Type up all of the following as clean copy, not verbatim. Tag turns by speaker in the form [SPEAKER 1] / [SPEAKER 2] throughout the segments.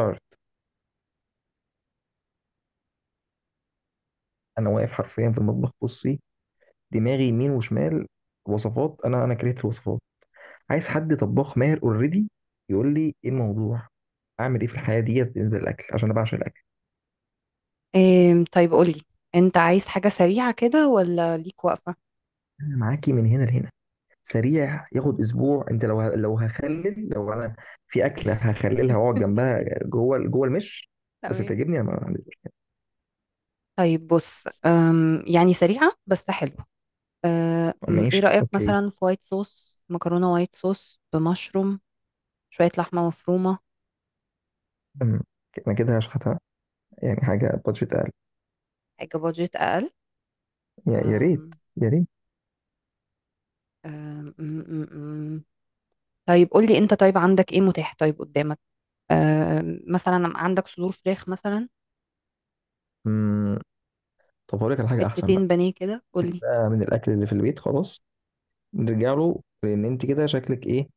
[SPEAKER 1] حر. انا واقف حرفيا في المطبخ، بصي، دماغي يمين وشمال. وصفات، انا كرهت الوصفات. عايز حد طباخ ماهر اوريدي يقول لي ايه الموضوع، اعمل ايه في الحياه ديت بالنسبه للاكل، عشان انا بعشق الاكل.
[SPEAKER 2] إيه، طيب قولي. انت عايز حاجة سريعة كده ولا ليك وقفة؟
[SPEAKER 1] انا معاكي من هنا لهنا. سريع، ياخد اسبوع، انت لو هخلل، لو انا في اكله هخللها واقعد جنبها، جوه جوه المش بس
[SPEAKER 2] تمام.
[SPEAKER 1] تعجبني، انا ما عنديش.
[SPEAKER 2] طيب بص، يعني سريعة بس حلوة. ايه
[SPEAKER 1] ماشي،
[SPEAKER 2] رأيك
[SPEAKER 1] اوكي.
[SPEAKER 2] مثلا في وايت صوص مكرونة، وايت صوص بمشروم، شوية لحمة مفرومة؟
[SPEAKER 1] أم، انا كده هشحتها، يعني حاجه بادجت اقل.
[SPEAKER 2] حاجة بادجت أقل.
[SPEAKER 1] يا ريت.
[SPEAKER 2] أم،
[SPEAKER 1] يا ريت.
[SPEAKER 2] أم، أم، أم، أم. طيب قولي انت، طيب عندك ايه متاح، طيب قدامك؟ مثلا عندك صدور فراخ مثلا؟
[SPEAKER 1] أم، طب هقول لك على حاجه احسن بقى.
[SPEAKER 2] حتتين بانيه كده، قولي.
[SPEAKER 1] سيبها من الاكل اللي في البيت خلاص، نرجع له، لان انت كده شكلك ايه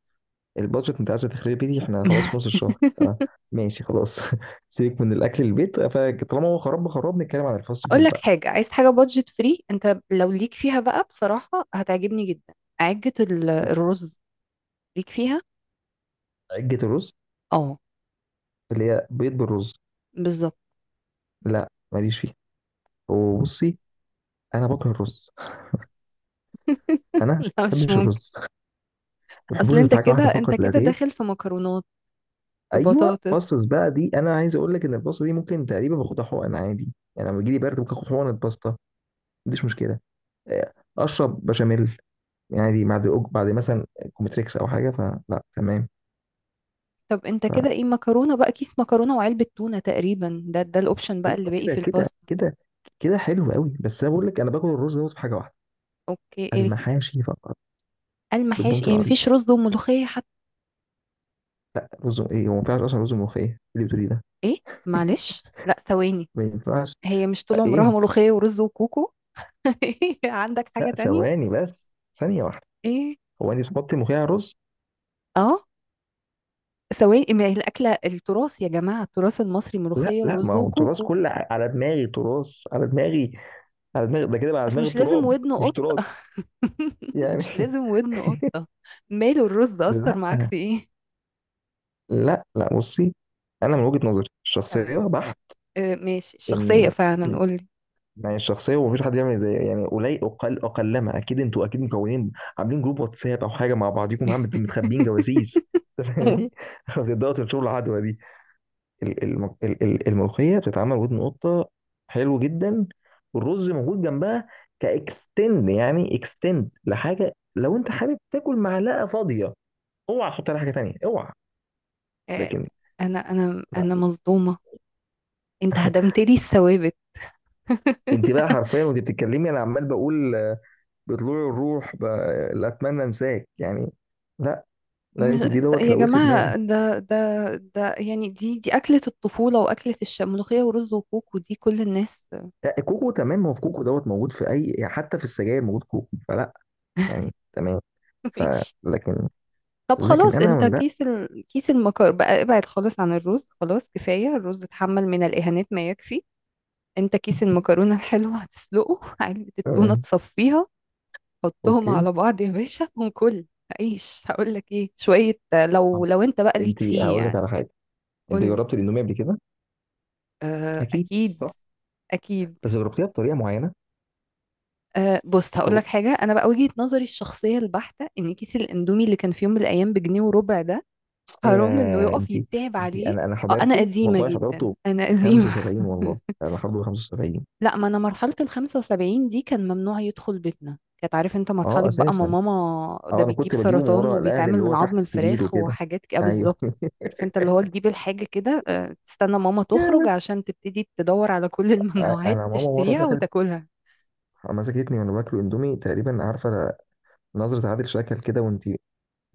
[SPEAKER 1] البادجت انت عايزه تخربي دي، احنا خلاص في نص الشهر. آه، ماشي خلاص. سيبك من الاكل البيت، فطالما هو خراب خراب نتكلم عن الفاست
[SPEAKER 2] اقول
[SPEAKER 1] فود
[SPEAKER 2] لك
[SPEAKER 1] بقى.
[SPEAKER 2] حاجه، عايز حاجه بادجت فري؟ انت لو ليك فيها بقى بصراحه هتعجبني جدا. عجه الرز، ليك فيها؟
[SPEAKER 1] عجة الرز
[SPEAKER 2] اه،
[SPEAKER 1] اللي هي بيض بالرز؟
[SPEAKER 2] بالظبط.
[SPEAKER 1] لا، ماليش فيه. وبصي، انا بكره الرز، انا ما
[SPEAKER 2] لا، مش
[SPEAKER 1] بحبش
[SPEAKER 2] ممكن.
[SPEAKER 1] الرز، ما
[SPEAKER 2] اصل
[SPEAKER 1] بحبوش غير
[SPEAKER 2] انت
[SPEAKER 1] في حاجه
[SPEAKER 2] كده،
[SPEAKER 1] واحده فقط لا غير.
[SPEAKER 2] داخل في مكرونات، في
[SPEAKER 1] ايوه،
[SPEAKER 2] بطاطس.
[SPEAKER 1] باستس بقى دي. انا عايز اقول لك ان الباستا دي ممكن تقريبا باخدها حقن عادي، يعني لما بيجي لي برد ممكن اخد حقنه باستا، ما عنديش مشكله. اشرب بشاميل، يعني دي بعد بعد مثلا كومتريكس او حاجه فلا، تمام.
[SPEAKER 2] طب انت كده ايه؟ مكرونه بقى، كيس مكرونه وعلبه تونه تقريبا، ده الاوبشن بقى
[SPEAKER 1] فايوه
[SPEAKER 2] اللي باقي
[SPEAKER 1] كده
[SPEAKER 2] في
[SPEAKER 1] كده
[SPEAKER 2] الباستا.
[SPEAKER 1] كده، كده حلو قوي. بس انا بقول لك، انا باكل الرز دوت في حاجه واحده،
[SPEAKER 2] اوكي، ايه؟
[SPEAKER 1] المحاشي فقط،
[SPEAKER 2] المحاشي
[SPEAKER 1] بالبنط
[SPEAKER 2] يعني؟
[SPEAKER 1] العريض.
[SPEAKER 2] مفيش رز وملوخيه حتى؟
[SPEAKER 1] رز ايه؟ هو ما ينفعش اصلا رز ملوخيه، إيه اللي بتقولي ده،
[SPEAKER 2] ايه؟ معلش، لا ثواني.
[SPEAKER 1] ما ينفعش.
[SPEAKER 2] هي مش طول عمرها
[SPEAKER 1] ايه؟
[SPEAKER 2] ملوخيه ورز وكوكو؟ عندك حاجه
[SPEAKER 1] لا،
[SPEAKER 2] تانية؟
[SPEAKER 1] ثواني بس، ثانيه واحده.
[SPEAKER 2] ايه؟
[SPEAKER 1] هو انت بتحطي ملوخيه على الرز؟
[SPEAKER 2] اه، سواء، ما هي الأكلة التراث يا جماعة، التراث المصري
[SPEAKER 1] لا
[SPEAKER 2] ملوخية
[SPEAKER 1] لا،
[SPEAKER 2] ورز
[SPEAKER 1] ما هو التراث
[SPEAKER 2] وكوكو.
[SPEAKER 1] كله على دماغي، تراث على دماغي، على دماغي، ده كده بقى على
[SPEAKER 2] أصل
[SPEAKER 1] دماغي
[SPEAKER 2] مش لازم
[SPEAKER 1] تراب
[SPEAKER 2] ودن
[SPEAKER 1] مش
[SPEAKER 2] قطة.
[SPEAKER 1] تراث، يعني.
[SPEAKER 2] مش لازم ودن قطة. ماله الرز، أثر معاك
[SPEAKER 1] لا
[SPEAKER 2] في إيه؟
[SPEAKER 1] لا لا، بصي، انا من وجهة نظري
[SPEAKER 2] تمام.
[SPEAKER 1] الشخصيه بحت.
[SPEAKER 2] آه، ماشي الشخصية
[SPEAKER 1] ان
[SPEAKER 2] فعلا،
[SPEAKER 1] إن-
[SPEAKER 2] قولي.
[SPEAKER 1] يعني الشخصيه، ومفيش حد يعمل زي، يعني قليل اقل اقلما، اكيد انتوا اكيد مكونين، عاملين جروب واتساب او حاجه مع بعضيكم، متخبيين جواسيس. فاهماني؟ بتبداوا تنشروا العدوى دي. الملوخيه بتتعمل ودن قطه، حلو جدا، والرز موجود جنبها كاكستند، يعني اكستند لحاجه. لو انت حابب تاكل معلقه فاضيه اوعى تحط عليها حاجه تانيه، اوعى.
[SPEAKER 2] آه،
[SPEAKER 1] لكن،
[SPEAKER 2] أنا مصدومة. أنت هدمت لي الثوابت.
[SPEAKER 1] انت بقى حرفيا وانت بتتكلمي انا عمال بقول آه، بطلوع الروح لا، اتمنى انساك يعني. لا لا،
[SPEAKER 2] مش...
[SPEAKER 1] انتوا دي دوت
[SPEAKER 2] يا
[SPEAKER 1] لوثت دماغي.
[SPEAKER 2] جماعة، ده يعني، دي أكلة الطفولة، وأكلة الملوخية ورز وكوكو دي كل الناس.
[SPEAKER 1] لا، كوكو تمام، ما هو في كوكو دوت موجود في اي، يعني حتى في السجاير موجود كوكو فلا، يعني تمام. ف،
[SPEAKER 2] ماشي.
[SPEAKER 1] لكن
[SPEAKER 2] طب
[SPEAKER 1] لكن
[SPEAKER 2] خلاص،
[SPEAKER 1] انا،
[SPEAKER 2] انت
[SPEAKER 1] لا
[SPEAKER 2] كيس المكر بقى ابعد خالص عن الرز، خلاص كفاية الرز اتحمل من الإهانات ما يكفي. انت كيس المكرونة الحلوة هتسلقه، علبة التونة
[SPEAKER 1] آه،
[SPEAKER 2] تصفيها، حطهم
[SPEAKER 1] اوكي.
[SPEAKER 2] على بعض يا باشا وكل عيش. هقول لك ايه، شوية،
[SPEAKER 1] طب،
[SPEAKER 2] لو انت بقى ليك
[SPEAKER 1] انت
[SPEAKER 2] فيه
[SPEAKER 1] هقول لك
[SPEAKER 2] يعني.
[SPEAKER 1] على حاجه، انت
[SPEAKER 2] قول.
[SPEAKER 1] جربت الاندومي قبل كده؟
[SPEAKER 2] آه،
[SPEAKER 1] اكيد
[SPEAKER 2] اكيد.
[SPEAKER 1] صح.
[SPEAKER 2] اكيد.
[SPEAKER 1] بس جربتيها بطريقه معينه.
[SPEAKER 2] أه، بص هقول
[SPEAKER 1] طرق.
[SPEAKER 2] لك حاجة. أنا بقى وجهة نظري الشخصية البحتة إن كيس الأندومي اللي كان في يوم من الأيام بجنيه وربع ده، حرام إنه
[SPEAKER 1] يا
[SPEAKER 2] يقف
[SPEAKER 1] انت
[SPEAKER 2] يتعب
[SPEAKER 1] انت
[SPEAKER 2] عليه.
[SPEAKER 1] انا
[SPEAKER 2] أه، أنا
[SPEAKER 1] حضرته،
[SPEAKER 2] قديمة
[SPEAKER 1] والله
[SPEAKER 2] جدا،
[SPEAKER 1] حضرته
[SPEAKER 2] أنا قديمة.
[SPEAKER 1] 75، والله انا حضرته 75.
[SPEAKER 2] لا، ما أنا مرحلة ال 75 دي كان ممنوع يدخل بيتنا. كانت، عارف أنت، مرحلة
[SPEAKER 1] اه
[SPEAKER 2] بقى، ما
[SPEAKER 1] اساسا،
[SPEAKER 2] ماما
[SPEAKER 1] اه
[SPEAKER 2] ده
[SPEAKER 1] انا
[SPEAKER 2] بيجيب
[SPEAKER 1] كنت بجيبه من
[SPEAKER 2] سرطان
[SPEAKER 1] ورا الاهل،
[SPEAKER 2] وبيتعمل
[SPEAKER 1] اللي هو
[SPEAKER 2] من
[SPEAKER 1] تحت
[SPEAKER 2] عظم
[SPEAKER 1] السرير
[SPEAKER 2] الفراخ
[SPEAKER 1] وكده.
[SPEAKER 2] وحاجات كده،
[SPEAKER 1] ايوه.
[SPEAKER 2] بالظبط. عارف أنت اللي هو تجيب الحاجة كده، أه تستنى ماما تخرج
[SPEAKER 1] جامد.
[SPEAKER 2] عشان تبتدي تدور على كل الممنوعات
[SPEAKER 1] انا ماما مره
[SPEAKER 2] تشتريها
[SPEAKER 1] دخلت
[SPEAKER 2] وتاكلها.
[SPEAKER 1] مسكتني وانا باكل اندومي. تقريبا عارفه نظره عادل شكل كده، وانت اللي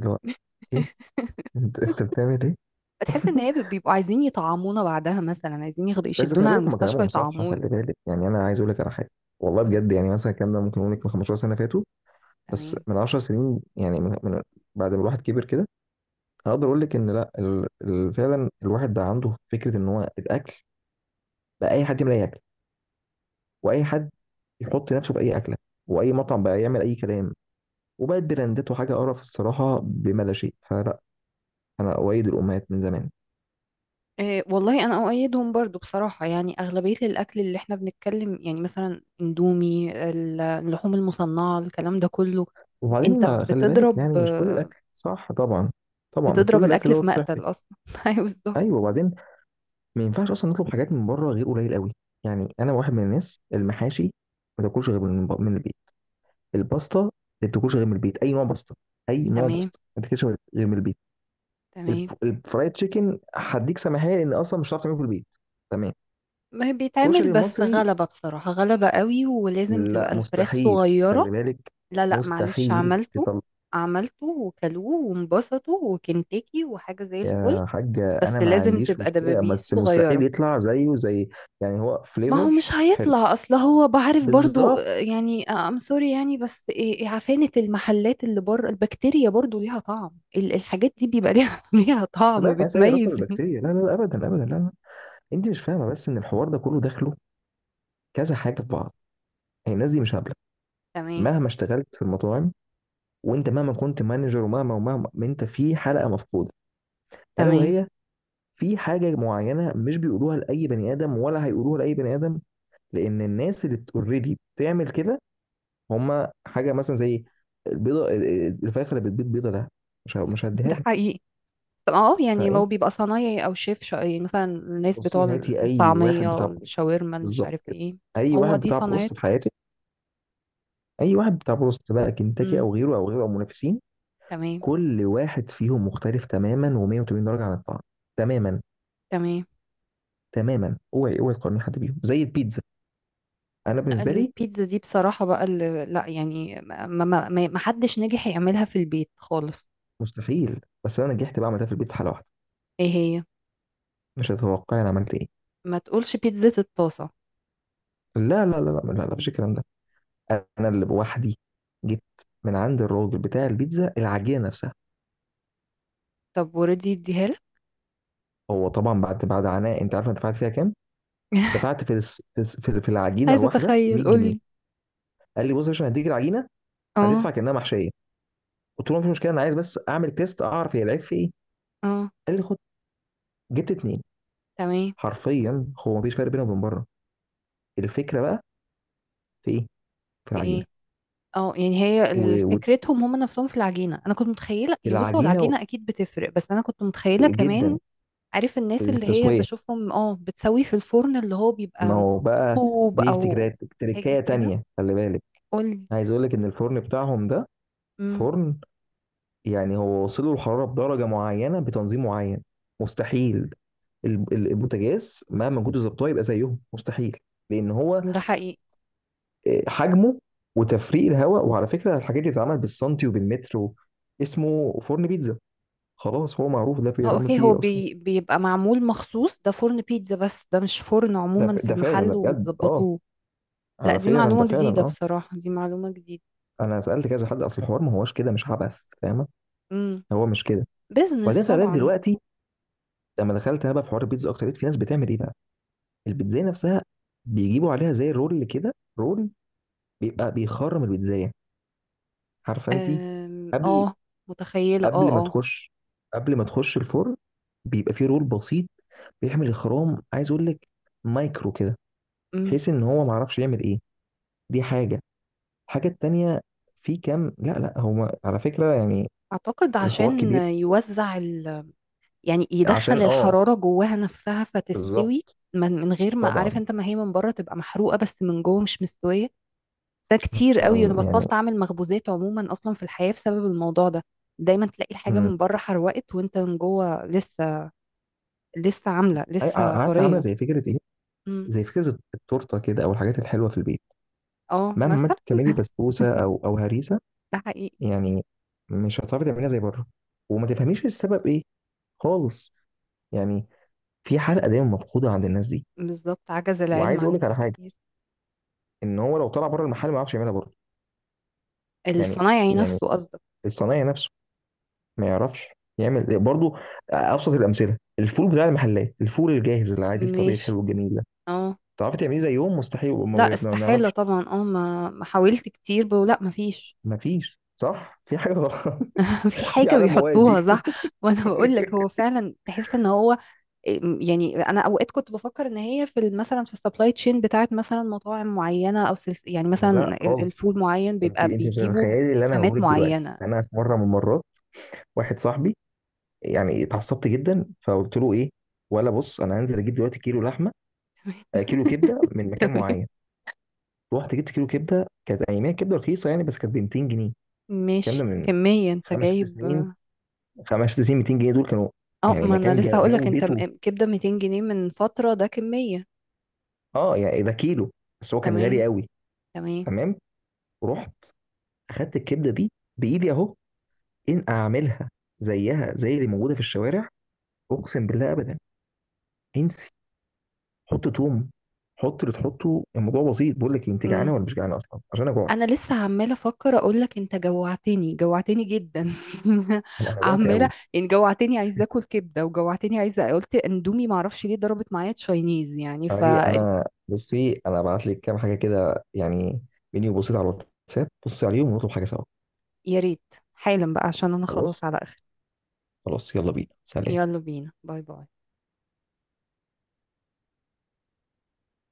[SPEAKER 1] هو ايه، انت بتعمل ايه.
[SPEAKER 2] بتحس ان هي بيبقوا عايزين يطعمونا، بعدها مثلا عايزين ياخدوا
[SPEAKER 1] بس خلي
[SPEAKER 2] يشدونا على
[SPEAKER 1] بالك، هم
[SPEAKER 2] المستشفى
[SPEAKER 1] كلامهم صح،
[SPEAKER 2] يطعمونا.
[SPEAKER 1] خلي بالك. يعني انا عايز اقول لك على حاجه، والله
[SPEAKER 2] قولي.
[SPEAKER 1] بجد. يعني مثلا الكلام ده ممكن اقول لك من 15 سنه فاتوا، بس
[SPEAKER 2] تمام.
[SPEAKER 1] من 10 سنين، يعني من بعد ما الواحد كبر كده، هقدر اقول لك ان لا، فعلا الواحد بقى عنده فكره ان هو الاكل، بقى اي حد يعمل اي اكل، واي حد يحط نفسه في اي اكله، واي مطعم بقى يعمل اي كلام، وبقت براندات وحاجه قرف الصراحه بما لا شيء فلا. انا اؤيد الامهات من زمان.
[SPEAKER 2] إيه والله، انا اؤيدهم برضو بصراحه. يعني اغلبيه الاكل اللي احنا بنتكلم، يعني مثلا اندومي، اللحوم المصنعه، الكلام ده كله.
[SPEAKER 1] وبعدين
[SPEAKER 2] انت
[SPEAKER 1] ما خلي بالك،
[SPEAKER 2] بتضرب
[SPEAKER 1] يعني مش كل الاكل صح طبعا. طبعا مش
[SPEAKER 2] بتضرب
[SPEAKER 1] كل الاكل
[SPEAKER 2] الاكل في
[SPEAKER 1] دوت
[SPEAKER 2] مقتل
[SPEAKER 1] صحي.
[SPEAKER 2] اصلا. ايوه بالظبط.
[SPEAKER 1] ايوه، وبعدين ما ينفعش اصلا نطلب حاجات من بره غير قليل قوي. يعني انا واحد من الناس، المحاشي ما تاكلش غير من البيت، الباستا ما تاكلش غير من البيت، اي نوع باستا، اي نوع
[SPEAKER 2] تمام،
[SPEAKER 1] باستا ما تاكلش غير من البيت.
[SPEAKER 2] تمام.
[SPEAKER 1] الفرايد تشيكن هديك سماحيه، لان اصلا مش هتعرف تعمله في البيت، تمام.
[SPEAKER 2] ما هي بيتعمل،
[SPEAKER 1] الكشري
[SPEAKER 2] بس
[SPEAKER 1] المصري،
[SPEAKER 2] غلبة بصراحة، غلبة قوي، ولازم
[SPEAKER 1] لا
[SPEAKER 2] تبقى الفراخ
[SPEAKER 1] مستحيل، خلي
[SPEAKER 2] صغيرة.
[SPEAKER 1] بالك،
[SPEAKER 2] لا لا، معلش،
[SPEAKER 1] مستحيل
[SPEAKER 2] عملته.
[SPEAKER 1] تطلع.
[SPEAKER 2] عملته وكلوه وانبسطوا، وكنتاكي وحاجة زي الفل.
[SPEAKER 1] يا حاجة، أنا
[SPEAKER 2] بس
[SPEAKER 1] ما
[SPEAKER 2] لازم
[SPEAKER 1] عنديش
[SPEAKER 2] تبقى
[SPEAKER 1] مشكلة،
[SPEAKER 2] دبابيس
[SPEAKER 1] بس مستحيل
[SPEAKER 2] صغيرة.
[SPEAKER 1] يطلع زيه، زي، يعني هو
[SPEAKER 2] ما هو
[SPEAKER 1] فليفر
[SPEAKER 2] مش
[SPEAKER 1] حلو.
[SPEAKER 2] هيطلع، اصل هو بعرف برضو،
[SPEAKER 1] بالظبط،
[SPEAKER 2] يعني سوري يعني. بس إيه، عفانة المحلات اللي بره، البكتيريا برضو ليها طعم، الحاجات دي بيبقى ليها ليها
[SPEAKER 1] خلي
[SPEAKER 2] طعم
[SPEAKER 1] بالك، زي رطب
[SPEAKER 2] بتميز.
[SPEAKER 1] البكتيريا. لا لا لا، أبدا أبدا، لا لا. أنت مش فاهمة بس إن الحوار ده كله داخله كذا حاجة في بعض، يعني الناس دي مش هبلة.
[SPEAKER 2] تمام،
[SPEAKER 1] مهما اشتغلت في المطاعم، وأنت مهما كنت مانجر، ومهما ومهما، ما أنت في حلقة مفقودة، ألا
[SPEAKER 2] تمام.
[SPEAKER 1] وهي في حاجة معينة مش بيقولوها لأي بني آدم، ولا هيقولوها لأي بني آدم، لأن الناس اللي أوريدي بتعمل كده. هما حاجه مثلا زي البيضه، الفراخ اللي بتبيض بيضه ده، مش هديها
[SPEAKER 2] ده
[SPEAKER 1] لك.
[SPEAKER 2] حقيقي. طب اه، يعني لو
[SPEAKER 1] فانت
[SPEAKER 2] بيبقى صنايعي او شيف يعني مثلا الناس بتوع
[SPEAKER 1] بصي، هاتي اي واحد بتاع
[SPEAKER 2] الطعمية،
[SPEAKER 1] بروست،
[SPEAKER 2] الشاورما، مش
[SPEAKER 1] بالظبط
[SPEAKER 2] عارف
[SPEAKER 1] كده،
[SPEAKER 2] ايه،
[SPEAKER 1] اي
[SPEAKER 2] هو
[SPEAKER 1] واحد
[SPEAKER 2] دي
[SPEAKER 1] بتاع بروست في
[SPEAKER 2] صنايعته.
[SPEAKER 1] حياتك، اي واحد بتاع بروست بقى، كنتاكي او غيره او غيره او منافسين،
[SPEAKER 2] تمام،
[SPEAKER 1] كل واحد فيهم مختلف تماما، و180 درجه عن الطعم. تماما،
[SPEAKER 2] تمام.
[SPEAKER 1] تماما، اوعي اوعي تقارني حد بيهم. زي البيتزا، انا
[SPEAKER 2] لأ،
[SPEAKER 1] بالنسبه لي
[SPEAKER 2] البيتزا دي بصراحة بقى، اللي لا يعني، ما حدش نجح يعملها في البيت خالص.
[SPEAKER 1] مستحيل، بس انا نجحت بقى، عملتها في البيت في حاله واحده.
[SPEAKER 2] ايه هي؟
[SPEAKER 1] مش هتتوقعي انا عملت ايه.
[SPEAKER 2] ما تقولش بيتزا الطاسة.
[SPEAKER 1] لا لا لا لا لا لا، مفيش الكلام ده. انا اللي بوحدي جبت من عند الراجل بتاع البيتزا العجينه نفسها.
[SPEAKER 2] طب وردي اديها لك؟
[SPEAKER 1] هو طبعا بعد عناء، انت عارف انا دفعت فيها كام؟ دفعت في الس- في الس- في في العجينه
[SPEAKER 2] عايزة
[SPEAKER 1] الواحده
[SPEAKER 2] اتخيل،
[SPEAKER 1] 100 جنيه.
[SPEAKER 2] قولي.
[SPEAKER 1] قال لي بص، عشان هديك العجينه
[SPEAKER 2] اه
[SPEAKER 1] هتدفع كانها محشيه. قلت له مفيش مشكله، انا عايز بس اعمل تيست، اعرف هي العيب في ايه.
[SPEAKER 2] اه.
[SPEAKER 1] قال لي خد، جبت اتنين.
[SPEAKER 2] تمام.
[SPEAKER 1] حرفيا هو مفيش فرق بينه وبين بره. الفكره بقى في ايه؟ في
[SPEAKER 2] في
[SPEAKER 1] العجينه
[SPEAKER 2] ايه؟ اه يعني هي
[SPEAKER 1] و-
[SPEAKER 2] فكرتهم هم نفسهم في العجينة. انا كنت متخيلة، يعني بص، هو
[SPEAKER 1] والعجينه
[SPEAKER 2] العجينة اكيد بتفرق، بس انا كنت متخيلة كمان.
[SPEAKER 1] جدا،
[SPEAKER 2] عارف
[SPEAKER 1] في
[SPEAKER 2] الناس اللي هي
[SPEAKER 1] التسويه.
[SPEAKER 2] بشوفهم، اه بتسوي في الفرن اللي هو
[SPEAKER 1] ما
[SPEAKER 2] بيبقى
[SPEAKER 1] هو بقى
[SPEAKER 2] طوب
[SPEAKER 1] دي
[SPEAKER 2] او
[SPEAKER 1] افتكارات
[SPEAKER 2] حاجة
[SPEAKER 1] تركايه
[SPEAKER 2] كده.
[SPEAKER 1] تانيه، خلي بالك.
[SPEAKER 2] قولي.
[SPEAKER 1] عايز اقول لك ان الفرن بتاعهم ده
[SPEAKER 2] إمم.
[SPEAKER 1] فرن، يعني هو وصله الحرارة بدرجة معينة بتنظيم معين، مستحيل البوتاجاز مهما كنت ظبطه يبقى زيهم، مستحيل، لان هو
[SPEAKER 2] ده حقيقي.
[SPEAKER 1] حجمه وتفريق الهواء، وعلى فكره الحاجات دي بتتعمل بالسنتي وبالمتر، اسمه فرن بيتزا، خلاص، هو معروف ده
[SPEAKER 2] اه،
[SPEAKER 1] بيتعمل
[SPEAKER 2] اوكي.
[SPEAKER 1] فيه
[SPEAKER 2] هو
[SPEAKER 1] ايه اصلا.
[SPEAKER 2] بيبقى معمول مخصوص ده فرن بيتزا، بس ده مش فرن عموما في
[SPEAKER 1] ده فعلا، ده
[SPEAKER 2] المحل
[SPEAKER 1] بجد، اه
[SPEAKER 2] ومتظبطوه. لا،
[SPEAKER 1] على
[SPEAKER 2] دي
[SPEAKER 1] فعلا، ده
[SPEAKER 2] معلومة
[SPEAKER 1] فعلا،
[SPEAKER 2] جديدة
[SPEAKER 1] اه.
[SPEAKER 2] بصراحة، دي معلومة جديدة.
[SPEAKER 1] انا سالت كذا حد، اصل الحوار ما هوش كده، مش عبث فاهمه،
[SPEAKER 2] امم.
[SPEAKER 1] هو مش كده.
[SPEAKER 2] بيزنس
[SPEAKER 1] وبعدين خلي بالك
[SPEAKER 2] طبعا.
[SPEAKER 1] دلوقتي لما دخلت انا بقى في حوار البيتزا اكتر، لقيت في ناس بتعمل ايه بقى، البيتزاية نفسها بيجيبوا عليها زي رول كده، رول بيبقى بيخرم البيتزاية، عارفة انت، قبل
[SPEAKER 2] اه، متخيلة اه
[SPEAKER 1] قبل ما
[SPEAKER 2] اه.
[SPEAKER 1] تخش قبل ما تخش الفرن بيبقى فيه رول بسيط بيعمل الخرام. عايز اقول لك مايكرو كده،
[SPEAKER 2] امم.
[SPEAKER 1] بحيث ان هو ما عرفش يعمل ايه. دي حاجة، الحاجة التانية في كام، لا لا، هو على فكرة، يعني
[SPEAKER 2] اعتقد
[SPEAKER 1] الحوار
[SPEAKER 2] عشان
[SPEAKER 1] كبير،
[SPEAKER 2] يوزع ال... يعني يدخل
[SPEAKER 1] عشان اه،
[SPEAKER 2] الحرارة جواها نفسها فتستوي،
[SPEAKER 1] بالظبط،
[SPEAKER 2] من غير ما، عارف
[SPEAKER 1] طبعا.
[SPEAKER 2] انت، ما هي من بره تبقى محروقة بس من جوه مش مستوية. ده كتير قوي، انا
[SPEAKER 1] يعني.
[SPEAKER 2] بطلت اعمل مخبوزات عموما اصلا في الحياة بسبب الموضوع ده. دايما تلاقي الحاجة
[SPEAKER 1] أم.
[SPEAKER 2] من بره حروقت، وانت من جوه لسه، لسه عاملة لسه
[SPEAKER 1] عارفة، عاملة
[SPEAKER 2] طرية.
[SPEAKER 1] زي فكرة ايه،
[SPEAKER 2] مم.
[SPEAKER 1] زي فكرة التورتة كده او الحاجات الحلوة في البيت،
[SPEAKER 2] اه
[SPEAKER 1] مهما
[SPEAKER 2] مثلا.
[SPEAKER 1] تعملي بسبوسه او هريسه
[SPEAKER 2] ده حقيقي.
[SPEAKER 1] يعني، مش هتعرفي تعمليها زي بره، وما تفهميش السبب ايه خالص، يعني في حلقه دايما مفقوده عند الناس دي.
[SPEAKER 2] بالظبط، عجز العلم
[SPEAKER 1] وعايز
[SPEAKER 2] عن
[SPEAKER 1] اقول لك على حاجه،
[SPEAKER 2] التفسير.
[SPEAKER 1] ان هو لو طلع بره المحل ما يعرفش يعملها برضه. يعني
[SPEAKER 2] الصنايعي
[SPEAKER 1] يعني
[SPEAKER 2] نفسه قصدك.
[SPEAKER 1] الصنايعي نفسه ما يعرفش يعمل برضه. ابسط الامثله، الفول بتاع المحلات، الفول الجاهز العادي الطبيعي
[SPEAKER 2] ماشي.
[SPEAKER 1] الحلو الجميل ده
[SPEAKER 2] اه.
[SPEAKER 1] تعرفي تعمليه زيهم؟ مستحيل،
[SPEAKER 2] لا،
[SPEAKER 1] ما
[SPEAKER 2] استحالة
[SPEAKER 1] بنعرفش.
[SPEAKER 2] طبعا. اه، ما حاولت كتير، لا ما فيش.
[SPEAKER 1] ما فيش، صح، في حاجه غلط.
[SPEAKER 2] في
[SPEAKER 1] في
[SPEAKER 2] حاجة
[SPEAKER 1] عالم موازي.
[SPEAKER 2] بيحطوها صح. وانا بقول لك هو فعلا تحس ان هو، يعني انا اوقات كنت بفكر ان هي في مثلا في السبلاي تشين بتاعت مثلا مطاعم معينه او سلس، يعني مثلا
[SPEAKER 1] لا خالص،
[SPEAKER 2] الفول معين
[SPEAKER 1] انت
[SPEAKER 2] بيبقى
[SPEAKER 1] انت مش
[SPEAKER 2] بيجيبوا
[SPEAKER 1] متخيلي اللي انا
[SPEAKER 2] خامات
[SPEAKER 1] بقوله دلوقتي.
[SPEAKER 2] معينه.
[SPEAKER 1] انا في مره من المرات، واحد صاحبي، يعني اتعصبت جدا فقلت له ايه ولا، بص انا هنزل اجيب دلوقتي كيلو لحمه، كيلو كبده من مكان
[SPEAKER 2] تمام.
[SPEAKER 1] معين. رحت جبت كيلو كبده، كانت اياميها كبده رخيصه يعني، بس كانت ب 200 جنيه. الكلام ده
[SPEAKER 2] ماشي،
[SPEAKER 1] من
[SPEAKER 2] كميه انت
[SPEAKER 1] خمس ست
[SPEAKER 2] جايب؟
[SPEAKER 1] سنين، خمس ست سنين، 200 جنيه دول كانوا
[SPEAKER 2] اه،
[SPEAKER 1] يعني
[SPEAKER 2] ما انا
[SPEAKER 1] مكان،
[SPEAKER 2] لسه هقول لك، انت
[SPEAKER 1] جودته.
[SPEAKER 2] كبده 200 جنيه من فتره، ده كميه.
[SPEAKER 1] اه يعني ده كيلو، بس هو كان غالي
[SPEAKER 2] تمام،
[SPEAKER 1] قوي،
[SPEAKER 2] تمام.
[SPEAKER 1] تمام. رحت اخدت الكبده دي بايدي اهو، ان اعملها زيها زي اللي موجوده في الشوارع، اقسم بالله ابدا. انسي، حط توم، حط اللي تحطه، الموضوع بسيط. بقول لك إيه، انت جعانه ولا مش جعانه؟ اصلا عشان انا جوعت،
[SPEAKER 2] انا لسه عماله افكر اقول لك انت جوعتني، جوعتني جدا.
[SPEAKER 1] انا جوعت
[SPEAKER 2] عماله
[SPEAKER 1] قوي.
[SPEAKER 2] يعني، جوعتني عايزه اكل كبده، وجوعتني عايزه، قلت اندومي، معرفش ليه ضربت معايا تشاينيز يعني. ف،
[SPEAKER 1] تعالي، انا بصي، انا ابعت لك كام حاجه كده، يعني منيو بسيط على الواتساب، بصي عليهم ونطلب حاجه سوا.
[SPEAKER 2] يا ريت، حالا بقى عشان انا خلاص
[SPEAKER 1] خلاص،
[SPEAKER 2] على اخر.
[SPEAKER 1] خلاص، يلا بينا، سلام.
[SPEAKER 2] يلا بينا، باي باي.